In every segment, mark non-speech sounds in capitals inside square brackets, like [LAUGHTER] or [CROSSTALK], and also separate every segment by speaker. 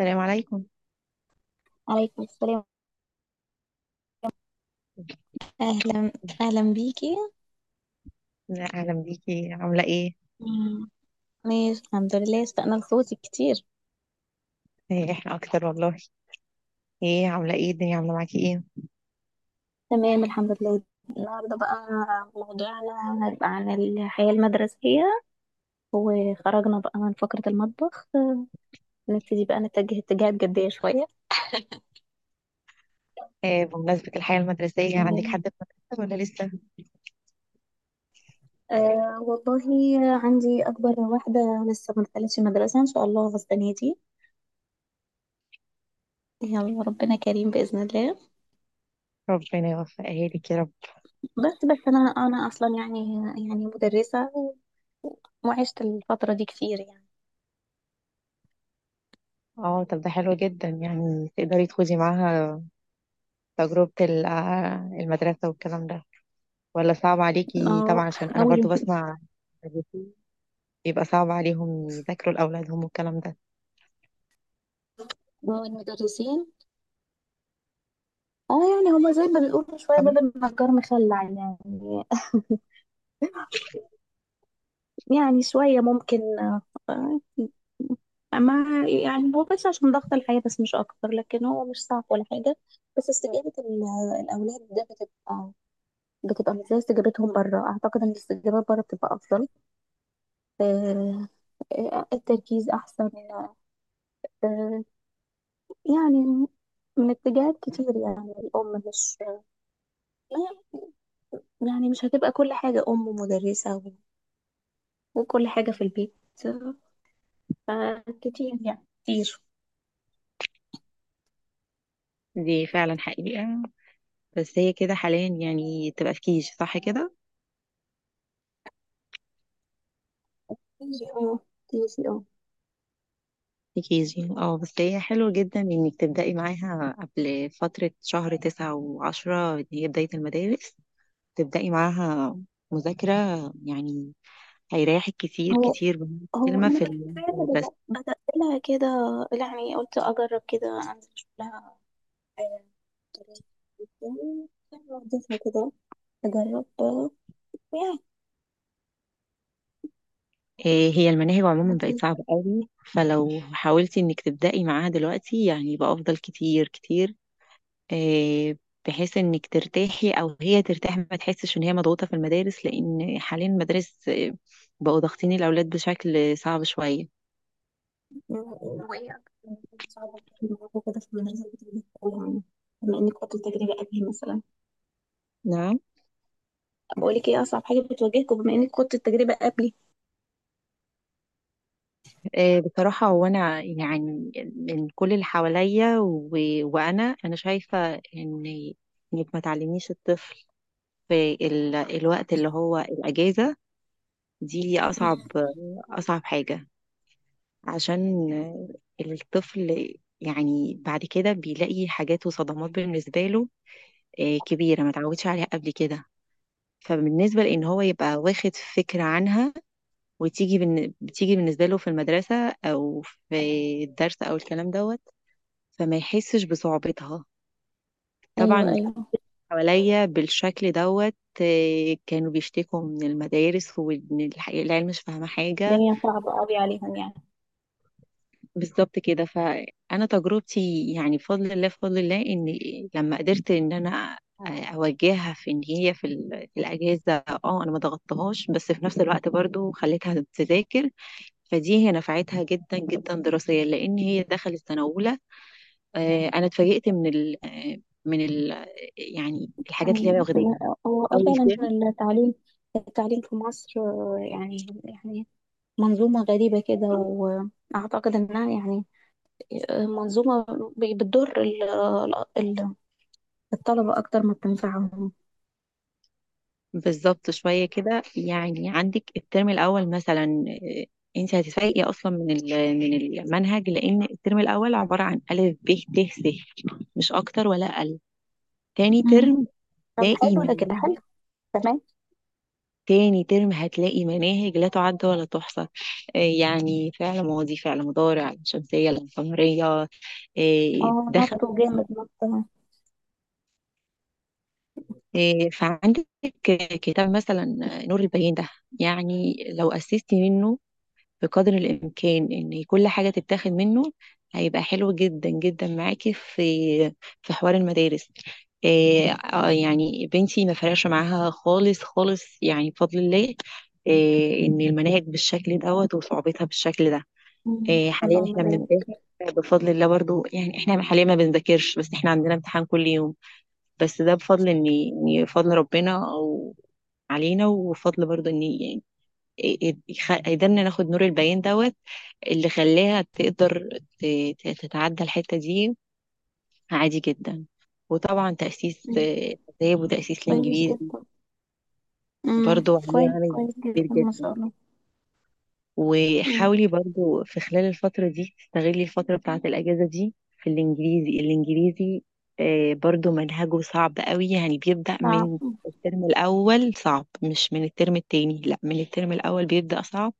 Speaker 1: السلام عليكم.
Speaker 2: عليكم السلام. أهلا، أهلا بيكي.
Speaker 1: لا، اهلا بيكي، عامله ايه؟
Speaker 2: مم. ماشي، الحمد لله، اشتقنا لصوتك كتير.
Speaker 1: احنا اكتر والله. ايه عامله ايه، الدنيا عامله معاكي ايه؟
Speaker 2: تمام الحمد لله. النهارده بقى موضوعنا هيبقى عن الحياة المدرسية، وخرجنا بقى من فقرة المطبخ، نبتدي بقى نتجه اتجاهات جدية شوية.
Speaker 1: بمناسبة الحياة المدرسية، عندك
Speaker 2: مم.
Speaker 1: حد في المدرسة ولا لسه؟
Speaker 2: أه والله عندي أكبر واحدة لسه ما دخلتش المدرسة إن شاء الله السنة دي، يلا ربنا كريم بإذن الله.
Speaker 1: ربنا يوفقها لك يا رب.
Speaker 2: بس أنا أصلا يعني، يعني مدرسة، وعشت الفترة دي كتير يعني.
Speaker 1: اه، طب ده حلو جدا، يعني تقدري تخوضي معاها تجربة المدرسة والكلام ده، ولا صعب عليكي؟
Speaker 2: اه،
Speaker 1: طبعا عشان أنا
Speaker 2: اول يوم.
Speaker 1: برضو بسمع مدرسين بيبقى صعب عليهم يذاكروا لأولادهم والكلام ده،
Speaker 2: والمدرسين، اه يعني هما زي ما بيقولوا شويه
Speaker 1: فاهمة؟
Speaker 2: باب النجار مخلع يعني. [LAUGHS] يعني شويه ممكن، مع يعني هو بس عشان ضغط الحياه، بس مش اكتر، لكن هو مش صعب ولا حاجه. بس استجابه الاولاد ده بتبقى مش زي استجابتهم بره. اعتقد ان الاستجابات بره بتبقى افضل. آه، التركيز احسن. آه، يعني من اتجاهات كتير، يعني الام مش، آه، يعني مش هتبقى كل حاجة أم ومدرسة و- وكل حاجة في البيت، فكتير يعني كتير.
Speaker 1: دي فعلا حقيقة، بس هي كده حاليا يعني تبقى في كيجي، صح كده؟
Speaker 2: كتير اه، كتير اه.
Speaker 1: كيجي اه، بس هي حلو جدا انك تبدأي معاها قبل فترة شهر تسعة وعشرة اللي هي بداية المدارس، تبدأي معاها مذاكرة يعني. هيريحك كتير
Speaker 2: هو
Speaker 1: كتير بمعنى
Speaker 2: هو
Speaker 1: كلمة
Speaker 2: أنا
Speaker 1: في
Speaker 2: بالفعل
Speaker 1: المدرسة.
Speaker 2: بدأت لها كده، يعني قلت أجرب كده، أنزل أشوف لها آه، طريقة وبتاع. وديتها كده أجرب، ويعني
Speaker 1: إيه، هي المناهج عموما بقت
Speaker 2: بدرس.
Speaker 1: صعبة قوي، فلو حاولتي انك تبدأي معاها دلوقتي يعني يبقى افضل كتير كتير. إيه، بحيث انك ترتاحي او هي ترتاح، ما تحسش ان هي مضغوطة في المدارس، لان حاليا المدارس بقوا ضاغطين الاولاد بشكل صعب شوية.
Speaker 2: وهي صعبة كده في المدرسة بتبقى. بما انك خدت التجربة قبلي مثلا،
Speaker 1: نعم.
Speaker 2: بقول لك ايه اصعب حاجة بتواجهكم بما انك خدت التجربة قبلي؟
Speaker 1: بصراحة هو أنا يعني من كل اللي حواليا وأنا أنا شايفة إن إنك ما تعلميش الطفل في الوقت اللي هو الأجازة، دي أصعب حاجة، عشان الطفل يعني بعد كده بيلاقي حاجات وصدمات بالنسبة له كبيرة ما تعودش عليها قبل كده. فبالنسبة لإن هو يبقى واخد فكرة عنها، بتيجي بالنسبة له في المدرسة، أو في الدرس أو الكلام دوت، فما يحسش بصعوبتها.
Speaker 2: ايوه،
Speaker 1: طبعا
Speaker 2: ايوه.
Speaker 1: حواليا بالشكل دوت كانوا بيشتكوا من المدارس، وإن العيال مش فاهمة حاجة.
Speaker 2: الدنيا صعبة قوي عليهم يعني.
Speaker 1: بالظبط كده. فأنا تجربتي يعني، بفضل الله بفضل الله، إن لما قدرت إن أنا أوجهها في إن هي في في الأجازة، اه أنا ما ضغطتهاش، بس في نفس الوقت برضو خليتها تذاكر، فدي هي نفعتها جدا جدا دراسيا، لان هي دخلت سنه اولى. انا اتفاجئت من ال آه، من ال يعني الحاجات اللي هي واخداها
Speaker 2: لا، هو
Speaker 1: اول
Speaker 2: فعلا.
Speaker 1: ترم.
Speaker 2: التعليم، التعليم في مصر، يعني يعني منظومة غريبة كده، وأعتقد إنها يعني، منظومة بتضر ال- الطلبة أكتر ما بتنفعهم.
Speaker 1: بالظبط شويه كده، يعني عندك الترم الاول مثلا، آه، انت هتتفاجئي اصلا من من المنهج، لان الترم الاول عباره عن الف ب ت س، مش اكتر ولا اقل. تاني
Speaker 2: أمم،
Speaker 1: ترم
Speaker 2: طب
Speaker 1: تلاقي
Speaker 2: حلو، ده كده
Speaker 1: منهج،
Speaker 2: حلو، تمام.
Speaker 1: تاني ترم هتلاقي مناهج لا تعد ولا تحصى. يعني فعل ماضي، فعل مضارع، علم شمسية، علم قمرية.
Speaker 2: اه،
Speaker 1: آه،
Speaker 2: نطوا
Speaker 1: دخل
Speaker 2: جامد نطوا.
Speaker 1: آه، فعندك كتاب مثلا، نور البيان ده، يعني لو أسستي منه بقدر الإمكان إن كل حاجة تتاخد منه، هيبقى حلو جدا جدا معاكي في في حوار المدارس. إيه آه، يعني بنتي ما فرقش معاها خالص خالص يعني، بفضل الله، إيه إن المناهج بالشكل دوت وصعوبتها بالشكل ده. إيه حاليا
Speaker 2: اللهم
Speaker 1: احنا
Speaker 2: بارك.
Speaker 1: بنمتحن، بفضل الله برضو يعني، احنا حاليا ما بنذاكرش، بس احنا عندنا امتحان كل يوم. بس ده بفضل ان إن فضل ربنا او علينا، وفضل برضو ان يعني يقدرنا ناخد نور البيان دوت، اللي خلاها تقدر ت- تتعدى الحتة دي عادي جدا. وطبعا تأسيس
Speaker 2: أمم،
Speaker 1: الآداب وتأسيس
Speaker 2: كويس
Speaker 1: الإنجليزي
Speaker 2: جدا.
Speaker 1: برضو عليه
Speaker 2: كويس،
Speaker 1: عامل
Speaker 2: كويس
Speaker 1: كبير
Speaker 2: جدا ما شاء
Speaker 1: جدا.
Speaker 2: الله. أمم،
Speaker 1: وحاولي برضو في خلال الفترة دي تستغلي الفترة بتاعة الأجازة دي في الإنجليزي. الإنجليزي برضو منهجه صعب قوي، يعني بيبدأ
Speaker 2: صعب.
Speaker 1: من الترم الأول صعب، مش من الترم التاني، لا من الترم الأول بيبدأ صعب.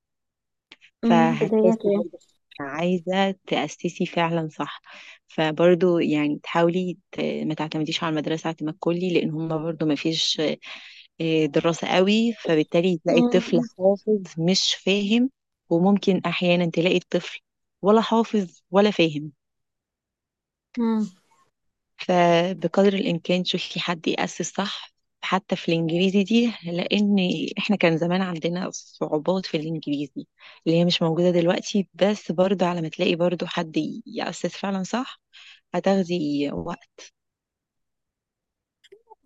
Speaker 1: فهتحسي
Speaker 2: بدايته يعني.
Speaker 1: برضه عايزة تأسسي فعلا صح. فبرضه يعني تحاولي ما تعتمديش على المدرسة اعتماد كلي، لأن هما برضه ما فيش دراسة قوي، فبالتالي تلاقي الطفل
Speaker 2: أمم،
Speaker 1: حافظ مش فاهم، وممكن أحيانا تلاقي الطفل ولا حافظ ولا فاهم.
Speaker 2: امم
Speaker 1: فبقدر الإمكان شوفي حد يأسس صح، حتى في الإنجليزي دي، لأن إحنا كان زمان عندنا صعوبات في الإنجليزي اللي هي مش موجودة دلوقتي، بس برضه على ما تلاقي برضه حد يأسس فعلا صح هتاخدي وقت.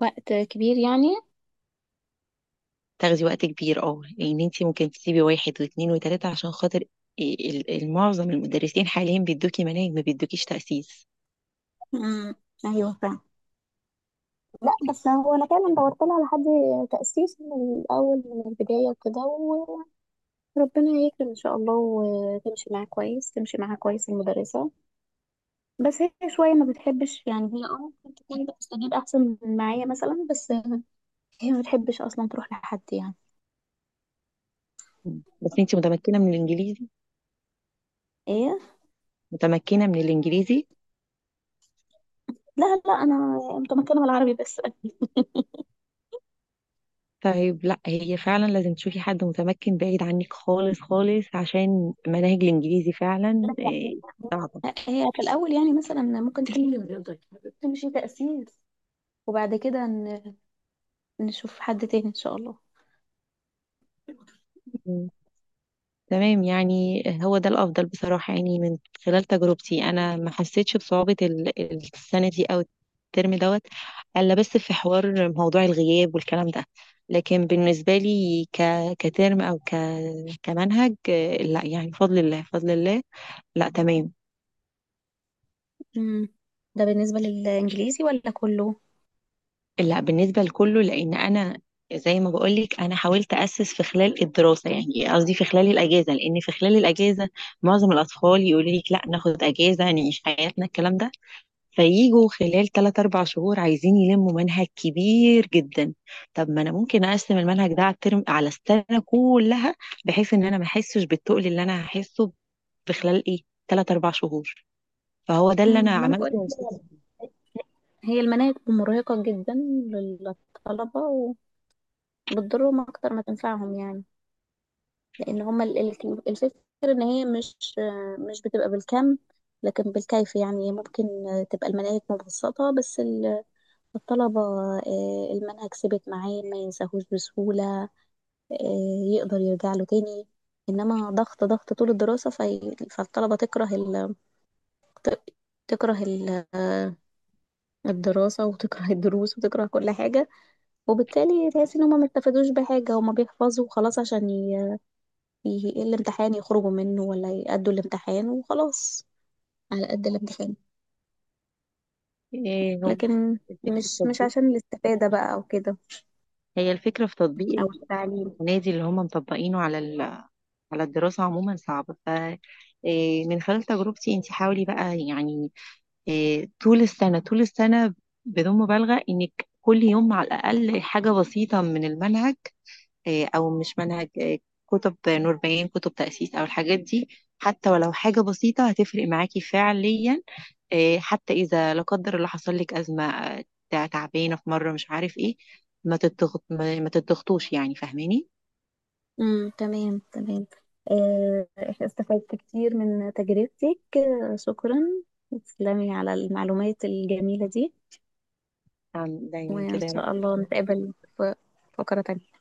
Speaker 2: وقت كبير يعني.
Speaker 1: تاخدي وقت كبير اه، لأن انتي ممكن تسيبي واحد واثنين وتلاتة عشان خاطر المعظم المدرسين حاليا بيدوكي مناهج، ما بيدوكيش تأسيس.
Speaker 2: امم ايوه، فاهم. لا، بس هو انا فعلا دورت لها على حد تأسيس من الاول، من البداية وكده، وربنا يكرم ان شاء الله. وتمشي معاه كويس تمشي معاها كويس المدرسة. بس هي شوية ما بتحبش، يعني هي، ممكن تكون بتستجيب احسن من معايا مثلا، بس هي ما بتحبش اصلا تروح لحد يعني.
Speaker 1: بس انتي متمكنة من الإنجليزي؟
Speaker 2: ايه.
Speaker 1: متمكنة من الإنجليزي؟
Speaker 2: لا، لا، انا متمكنة من العربي بس.
Speaker 1: طيب لا، هي فعلا لازم تشوفي حد متمكن بعيد عنك خالص خالص، عشان مناهج الانجليزي فعلا صعبة.
Speaker 2: هي في الاول يعني مثلا ممكن تكون تمشي تأسيس، وبعد كده نشوف حد تاني ان شاء الله.
Speaker 1: م. تمام، يعني هو ده الافضل بصراحة، يعني من خلال تجربتي انا ما حسيتش بصعوبة السنة دي او الترم دوت، الا بس في حوار موضوع الغياب والكلام ده. لكن بالنسبة لي كترم، او كمنهج، لا يعني بفضل الله بفضل الله، لا تمام.
Speaker 2: امم ده بالنسبة للإنجليزي ولا كله؟
Speaker 1: لا بالنسبة لكله، لأن أنا زي ما بقولك أنا حاولت أسس في خلال الدراسة، يعني قصدي في خلال الأجازة، لأن في خلال الأجازة معظم الأطفال يقولوا لك لا ناخد أجازة نعيش حياتنا الكلام ده، فييجوا خلال 3 4 شهور عايزين يلموا منهج كبير جدا. طب ما أنا ممكن أقسم المنهج ده على الترم، على السنة كلها، بحيث إن أنا ما أحسش بالتقل اللي أنا هحسه في خلال 3 4 شهور. فهو ده اللي أنا
Speaker 2: ما انا بقول
Speaker 1: عملته يا
Speaker 2: لك،
Speaker 1: أستاذ.
Speaker 2: هي المناهج مرهقة جدا للطلبة، وبتضرهم أكتر ما تنفعهم يعني. لأن هما الفكرة إن هي مش بتبقى بالكم لكن بالكيف. يعني ممكن تبقى المناهج مبسطة، بس الطلبة، المنهج ثبت معاه ما ينساهوش بسهولة، يقدر يرجع له تاني. انما ضغط ضغط طول الدراسة فالطلبة تكره ال... ت- تكره ال... آه، الدراسة، وتكره [LAUGHS] الدروس، وتكره كل حاجة. وبالتالي تحس ان هما ما استفادوش بحاجة، هما بيحفظوا وخلاص عشان الامتحان يخرجوا منه، ولا يأدوا الامتحان وخلاص على قد الامتحان.
Speaker 1: هو
Speaker 2: لكن
Speaker 1: الفكرة في
Speaker 2: مش
Speaker 1: تطبيق،
Speaker 2: عشان الاستفادة بقى او كده
Speaker 1: هي الفكرة في تطبيق
Speaker 2: او التعليم.
Speaker 1: ونادي اللي هم مطبقينه على على الدراسة عموما صعب. ف من خلال تجربتي انت حاولي بقى يعني طول السنة، طول السنة بدون مبالغة، انك كل يوم على الأقل حاجة بسيطة من المنهج، أو مش منهج، كتب نور بيان، كتب تأسيس، أو الحاجات دي. حتى ولو حاجة بسيطة هتفرق معاكي فعليا. حتى إذا لا قدر الله حصل لك أزمة، تعبانة في مرة مش عارف إيه، ما تتضغط، ما تتضغطوش يعني، فاهماني؟
Speaker 2: تمام، تمام. آه، استفدت كتير من تجربتك. شكرا، تسلمي على المعلومات الجميلة دي،
Speaker 1: نعم، دايما
Speaker 2: وإن
Speaker 1: كده يا
Speaker 2: شاء الله
Speaker 1: رب.
Speaker 2: نتقابل في فقرة تانية.